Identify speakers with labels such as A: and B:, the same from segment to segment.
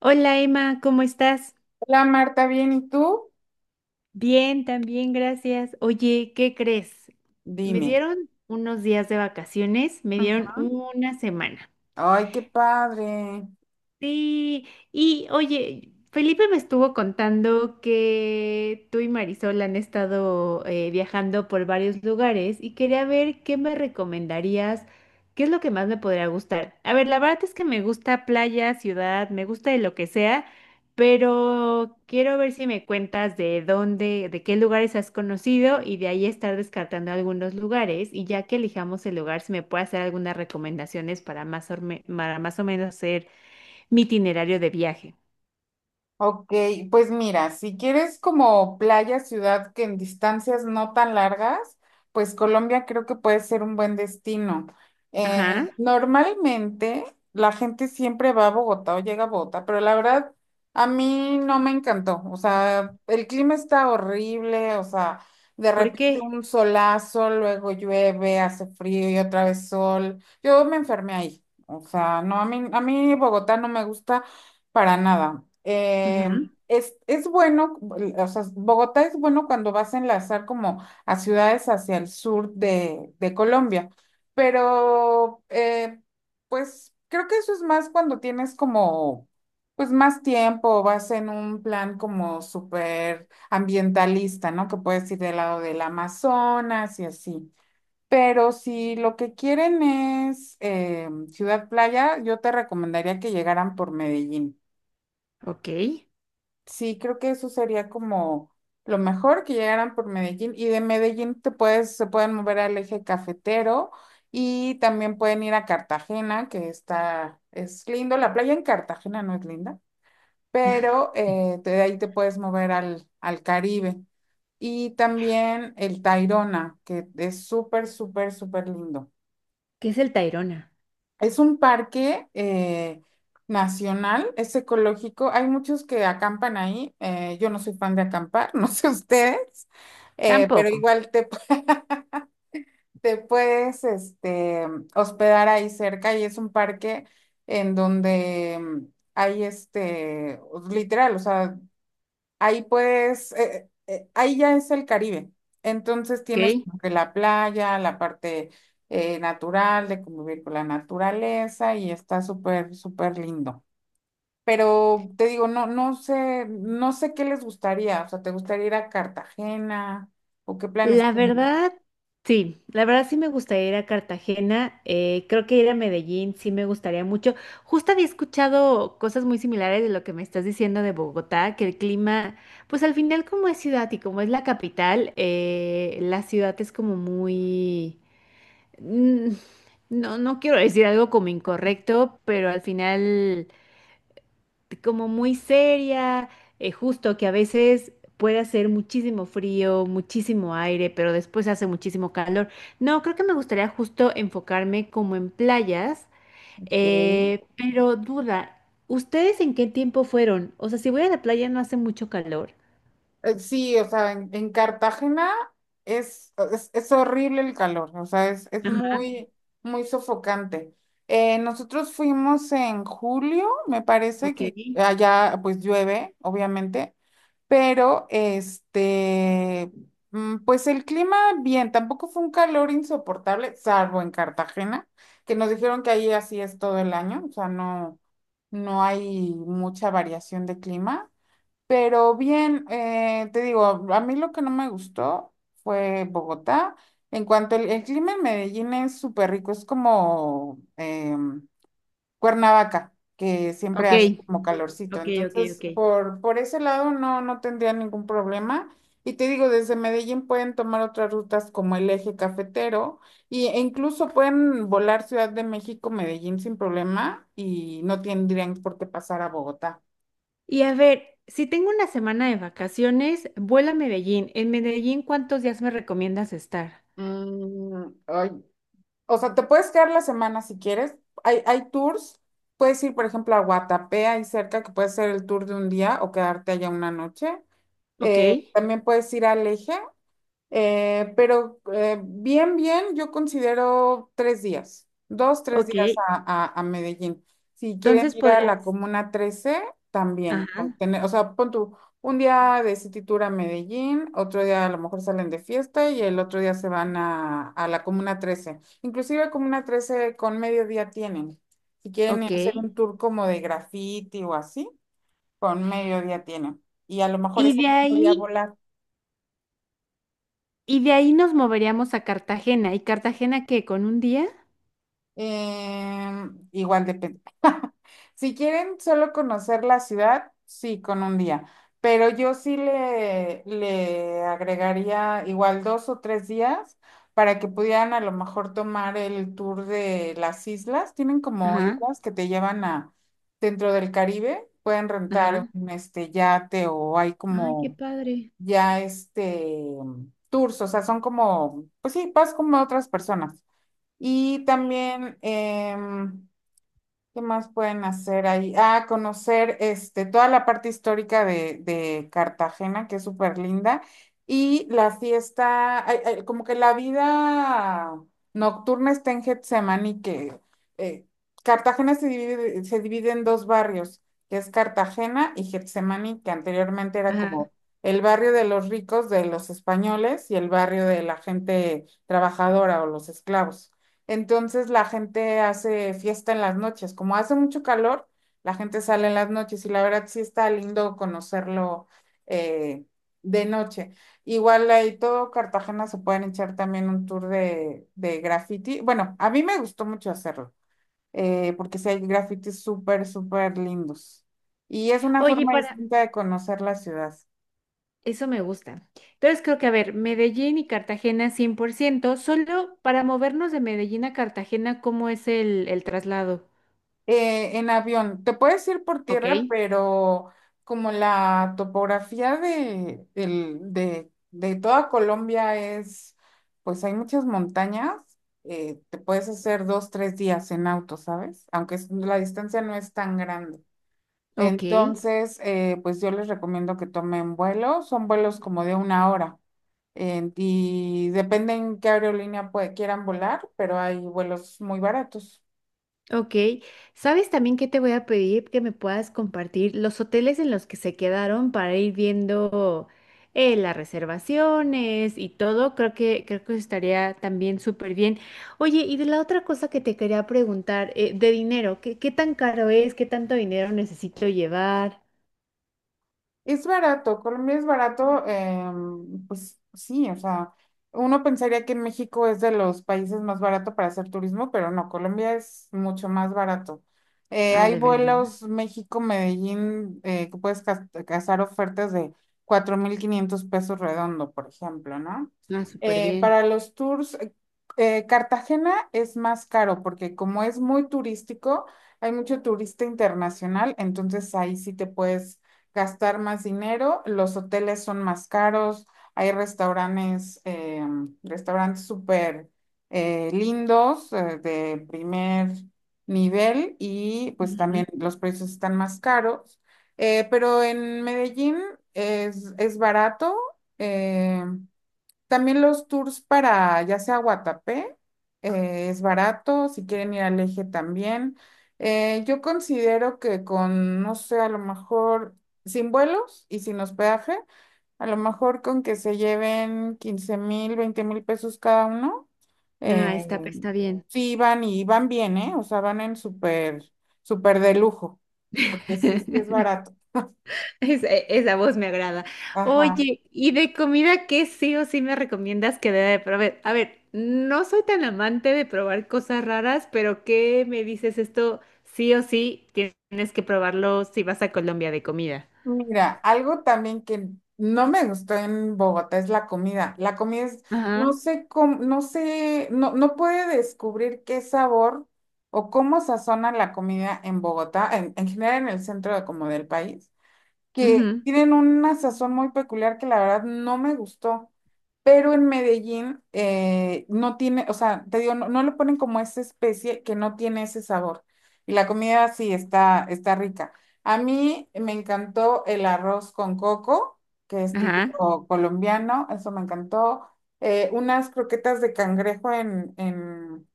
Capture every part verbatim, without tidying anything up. A: Hola Emma, ¿cómo estás?
B: Hola Marta, bien, ¿y tú?
A: Bien, también, gracias. Oye, ¿qué crees? Me
B: Dime.
A: dieron unos días de vacaciones, me dieron
B: Ujú.
A: una semana.
B: Ay, qué padre.
A: Sí, y oye, Felipe me estuvo contando que tú y Marisol han estado eh, viajando por varios lugares y quería ver qué me recomendarías, qué es lo que más me podría gustar. A ver, la verdad es que me gusta playa, ciudad, me gusta de lo que sea, pero quiero ver si me cuentas de dónde, de qué lugares has conocido y de ahí estar descartando algunos lugares y ya que elijamos el lugar, si me puede hacer algunas recomendaciones para más, orme- para más o menos ser mi itinerario de viaje.
B: Ok, pues mira, si quieres como playa, ciudad que en distancias no tan largas, pues Colombia creo que puede ser un buen destino.
A: Ajá.
B: Eh, normalmente la gente siempre va a Bogotá o llega a Bogotá, pero la verdad a mí no me encantó. O sea, el clima está horrible, o sea, de
A: ¿Por
B: repente
A: qué?
B: un solazo, luego llueve, hace frío y otra vez sol. Yo me enfermé ahí. O sea, no, a mí, a mí Bogotá no me gusta. Para nada. Eh,
A: Ujú.
B: es, es bueno, o sea, Bogotá es bueno cuando vas a enlazar como a ciudades hacia el sur de, de Colombia, pero eh, pues creo que eso es más cuando tienes como, pues más tiempo, vas en un plan como súper ambientalista, ¿no? Que puedes ir del lado del Amazonas y así. Pero si lo que quieren es eh, ciudad playa, yo te recomendaría que llegaran por Medellín.
A: Ok. ¿Qué
B: Sí, creo que eso sería como lo mejor que llegaran por Medellín, y de Medellín te puedes, se pueden mover al eje cafetero y también pueden ir a Cartagena, que está, es lindo, la playa en Cartagena no es linda, pero eh, de ahí te puedes mover al, al Caribe y también el Tayrona, que es súper, súper, súper lindo.
A: es el Tayrona?
B: Es un parque eh, nacional, es ecológico. Hay muchos que acampan ahí. Eh, yo no soy fan de acampar, no sé ustedes, eh, pero
A: Tampoco.
B: igual te, pu- te puedes este, hospedar ahí cerca y es un parque en donde mm, hay este, literal, o sea, ahí puedes, eh, eh, ahí ya es el Caribe. Entonces tienes
A: Ok.
B: como que la playa, la parte eh, natural, de convivir con la naturaleza, y está súper, súper lindo. Pero te digo, no, no sé, no sé qué les gustaría. O sea, ¿te gustaría ir a Cartagena o qué planes
A: La
B: tienen?
A: verdad, sí, la verdad sí me gustaría ir a Cartagena, eh, creo que ir a Medellín sí me gustaría mucho. Justo había escuchado cosas muy similares de lo que me estás diciendo de Bogotá, que el clima, pues al final como es ciudad y como es la capital, eh, la ciudad es como muy... mm, no, no quiero decir algo como incorrecto, pero al final como muy seria, eh, justo que a veces puede hacer muchísimo frío, muchísimo aire, pero después hace muchísimo calor. No, creo que me gustaría justo enfocarme como en playas,
B: Ok.
A: eh, pero duda, ¿ustedes en qué tiempo fueron? O sea, si voy a la playa no hace mucho calor.
B: Eh, Sí, o sea, en, en Cartagena es, es, es horrible el calor, o sea, es, es muy, muy sofocante. Eh, nosotros fuimos en julio, me parece
A: Ok,
B: que allá pues llueve, obviamente, pero este, mm, pues el clima bien, tampoco fue un calor insoportable, salvo en Cartagena, que nos dijeron que ahí así es todo el año, o sea, no, no hay mucha variación de clima. Pero bien, eh, te digo, a mí lo que no me gustó fue Bogotá. En cuanto al el clima en Medellín es súper rico, es como em, Cuernavaca, que siempre
A: ok,
B: hace como calorcito.
A: ok, ok,
B: Entonces,
A: ok.
B: por, por ese lado no, no tendría ningún problema. Y te digo, desde Medellín pueden tomar otras rutas como el eje cafetero y, e incluso pueden volar Ciudad de México, Medellín sin problema, y no tendrían por qué pasar a Bogotá.
A: Y a ver, si tengo una semana de vacaciones, vuélame a Medellín. En Medellín, ¿cuántos días me recomiendas estar?
B: Mm, ay, o sea, te puedes quedar la semana si quieres. Hay, hay tours. Puedes ir, por ejemplo, a Guatapé, ahí cerca, que puede ser el tour de un día o quedarte allá una noche.
A: Ok,
B: Eh, también puedes ir al Eje, eh, pero eh, bien, bien, yo considero tres días, dos, tres
A: ok.
B: días a, a- a Medellín. Si quieren
A: Entonces
B: ir a la
A: podrás,
B: Comuna trece también, con
A: ajá,
B: tener- o sea, pon tú un día de City Tour a Medellín, otro día a lo mejor salen de fiesta y el otro día se van a, a la Comuna trece. Inclusive Comuna trece con mediodía tienen. Si quieren ir
A: ok.
B: a hacer un tour como de graffiti o así, con mediodía tienen. Y a lo mejor
A: Y
B: ese
A: de
B: mismo día
A: ahí,
B: volar.
A: y de ahí nos moveríamos a Cartagena. ¿Y Cartagena qué? ¿Con un día?
B: Eh, igual depende. Si quieren solo conocer la ciudad, sí, con un día. Pero yo sí le, le agregaría igual dos o tres días para que pudieran a lo mejor tomar el tour de las islas. Tienen como
A: Ajá,
B: islas que te llevan a dentro del Caribe. Pueden rentar
A: ajá.
B: un este yate, o hay
A: Ay, qué
B: como
A: padre.
B: ya este tours, o sea, son como, pues sí, vas como a otras personas. Y también, em, ¿qué más pueden hacer ahí? Ah, conocer este, toda la parte histórica de, de Cartagena, que es súper linda. Y la fiesta, ay, ay, como que la vida nocturna está en Getsemani, que eh, Cartagena se divide, se divide en dos barrios, que es Cartagena y Getsemani, que anteriormente era
A: Ajá.
B: como el barrio de los ricos, de los españoles, y el barrio de la gente trabajadora o los esclavos. Entonces la gente hace fiesta en las noches. Como hace mucho calor, la gente sale en las noches y la verdad sí está lindo conocerlo eh, de noche. Igual ahí todo Cartagena se pueden echar también un tour de, de graffiti. Bueno, a mí me gustó mucho hacerlo, eh, porque sí hay grafitis súper, súper lindos. Y es una
A: Oye,
B: forma
A: para,
B: distinta de conocer la ciudad.
A: eso me gusta. Entonces creo que, a ver, Medellín y Cartagena cien por ciento, solo para movernos de Medellín a Cartagena, ¿cómo es el, el traslado?
B: Eh, en avión. Te puedes ir por
A: Ok.
B: tierra, pero como la topografía de, del- de, de toda Colombia es, pues hay muchas montañas, eh, te puedes hacer dos, tres días en auto, ¿sabes? Aunque es- la distancia no es tan grande.
A: Ok.
B: Entonces, eh, pues yo les recomiendo que tomen vuelo. Son vuelos como de una hora. En- y depende en qué aerolínea pue- quieran volar, pero hay vuelos muy baratos.
A: Ok, ¿sabes también qué te voy a pedir? Que me puedas compartir los hoteles en los que se quedaron para ir viendo eh, las reservaciones y todo. Creo que, creo que estaría también súper bien. Oye, y de la otra cosa que te quería preguntar, eh, de dinero, ¿qué, qué tan caro es? ¿Qué tanto dinero necesito llevar?
B: Es barato, Colombia es barato, em, pues sí, o sea, uno pensaría que en México es de los países más barato para hacer turismo, pero no, Colombia es mucho más barato. Eh,
A: Ah,
B: hay
A: de verdad.
B: vuelos México-Medellín eh, que puedes cas- cazar ofertas de cuatro mil quinientos pesos redondo, por ejemplo, ¿no?
A: Ah, súper
B: Eh,
A: bien.
B: para los tours, eh, eh, Cartagena es más caro porque como es muy turístico, hay mucho turista internacional, entonces ahí sí te puedes gastar más dinero, los hoteles son más caros, hay restaurantes, eh, restaurantes súper eh, lindos, eh, de primer nivel, y pues también
A: Ujú.
B: los precios están más caros. Eh, pero en Medellín es, es barato. eh, También los tours para ya sea Guatapé, eh, es barato, si quieren ir al Eje también. Eh, yo considero que con, no sé, a lo mejor sin vuelos y sin hospedaje, a lo mejor con que se lleven quince mil, veinte mil pesos cada uno,
A: Ah,
B: eh,
A: está, está bien.
B: sí van y van bien, ¿eh? O sea, van en súper, súper de lujo, porque sí, sí es barato.
A: Esa, esa voz me agrada.
B: Ajá.
A: Oye, ¿y de comida qué sí o sí me recomiendas que deba de probar? A ver, no soy tan amante de probar cosas raras, pero ¿qué me dices esto? Sí o sí tienes que probarlo si vas a Colombia de comida.
B: Mira, algo también que no me gustó en Bogotá es la comida. La comida es, no
A: Ajá,
B: sé cómo, no sé, no, no puede descubrir qué sabor o cómo sazonan la comida en Bogotá, en, en general en el centro de- como del país, que
A: ujú,
B: tienen una sazón muy peculiar que la verdad no me gustó, pero en Medellín eh, no tiene, o sea, te digo, no, no le ponen como esa especie que no tiene ese sabor. Y la comida sí está, está rica. A mí me encantó el arroz con coco, que es
A: ajá,
B: típico colombiano, eso me encantó. Eh, unas croquetas de cangrejo en, en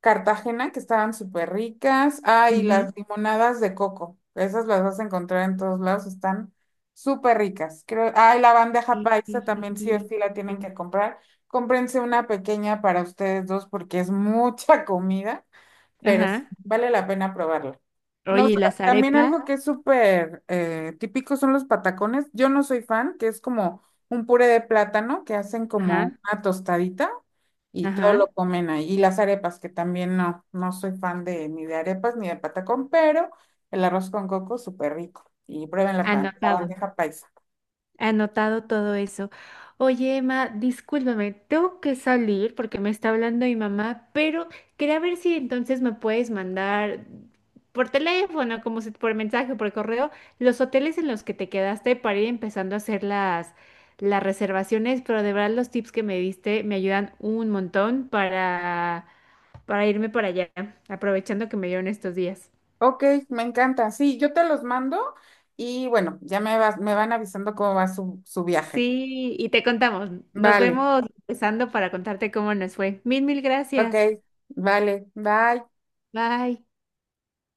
B: Cartagena, que estaban súper ricas. Ah, y
A: ujú.
B: las limonadas de coco. Esas las vas a encontrar en todos lados, están súper ricas. Creo, ah, y la bandeja
A: Qué-
B: paisa también sí o sí la tienen
A: rico.
B: que comprar. Cómprense una pequeña para ustedes dos porque es mucha comida, pero sí,
A: Ajá.
B: vale la pena probarla. No,
A: Oye,
B: s-
A: ¿y las
B: también
A: arepas?
B: algo que es súper eh, típico son los patacones. Yo no soy fan, que es como un puré de plátano que hacen como
A: Ajá,
B: una tostadita y todo
A: ajá.
B: lo comen ahí. Y las arepas, que también no, no soy fan de ni de arepas ni de patacón, pero el arroz con coco súper rico. Y prueben la, pa- la
A: Anotado.
B: bandeja paisa.
A: Anotado todo eso. Oye, Emma, discúlpame, tengo que salir porque me está hablando mi mamá, pero quería ver si entonces me puedes mandar por teléfono, como si- por mensaje, por correo, los hoteles en los que te quedaste para ir empezando a hacer las, las reservaciones, pero de verdad los tips que me diste me ayudan un montón para, para irme para allá, aprovechando que me dieron estos días.
B: Ok, me encanta. Sí, yo te los mando y bueno, ya me vas, me van avisando cómo va su, su viaje.
A: Sí, y te contamos. Nos
B: Vale.
A: vemos empezando para contarte cómo nos fue. Mil, mil
B: Ok,
A: gracias.
B: vale, bye.
A: Bye.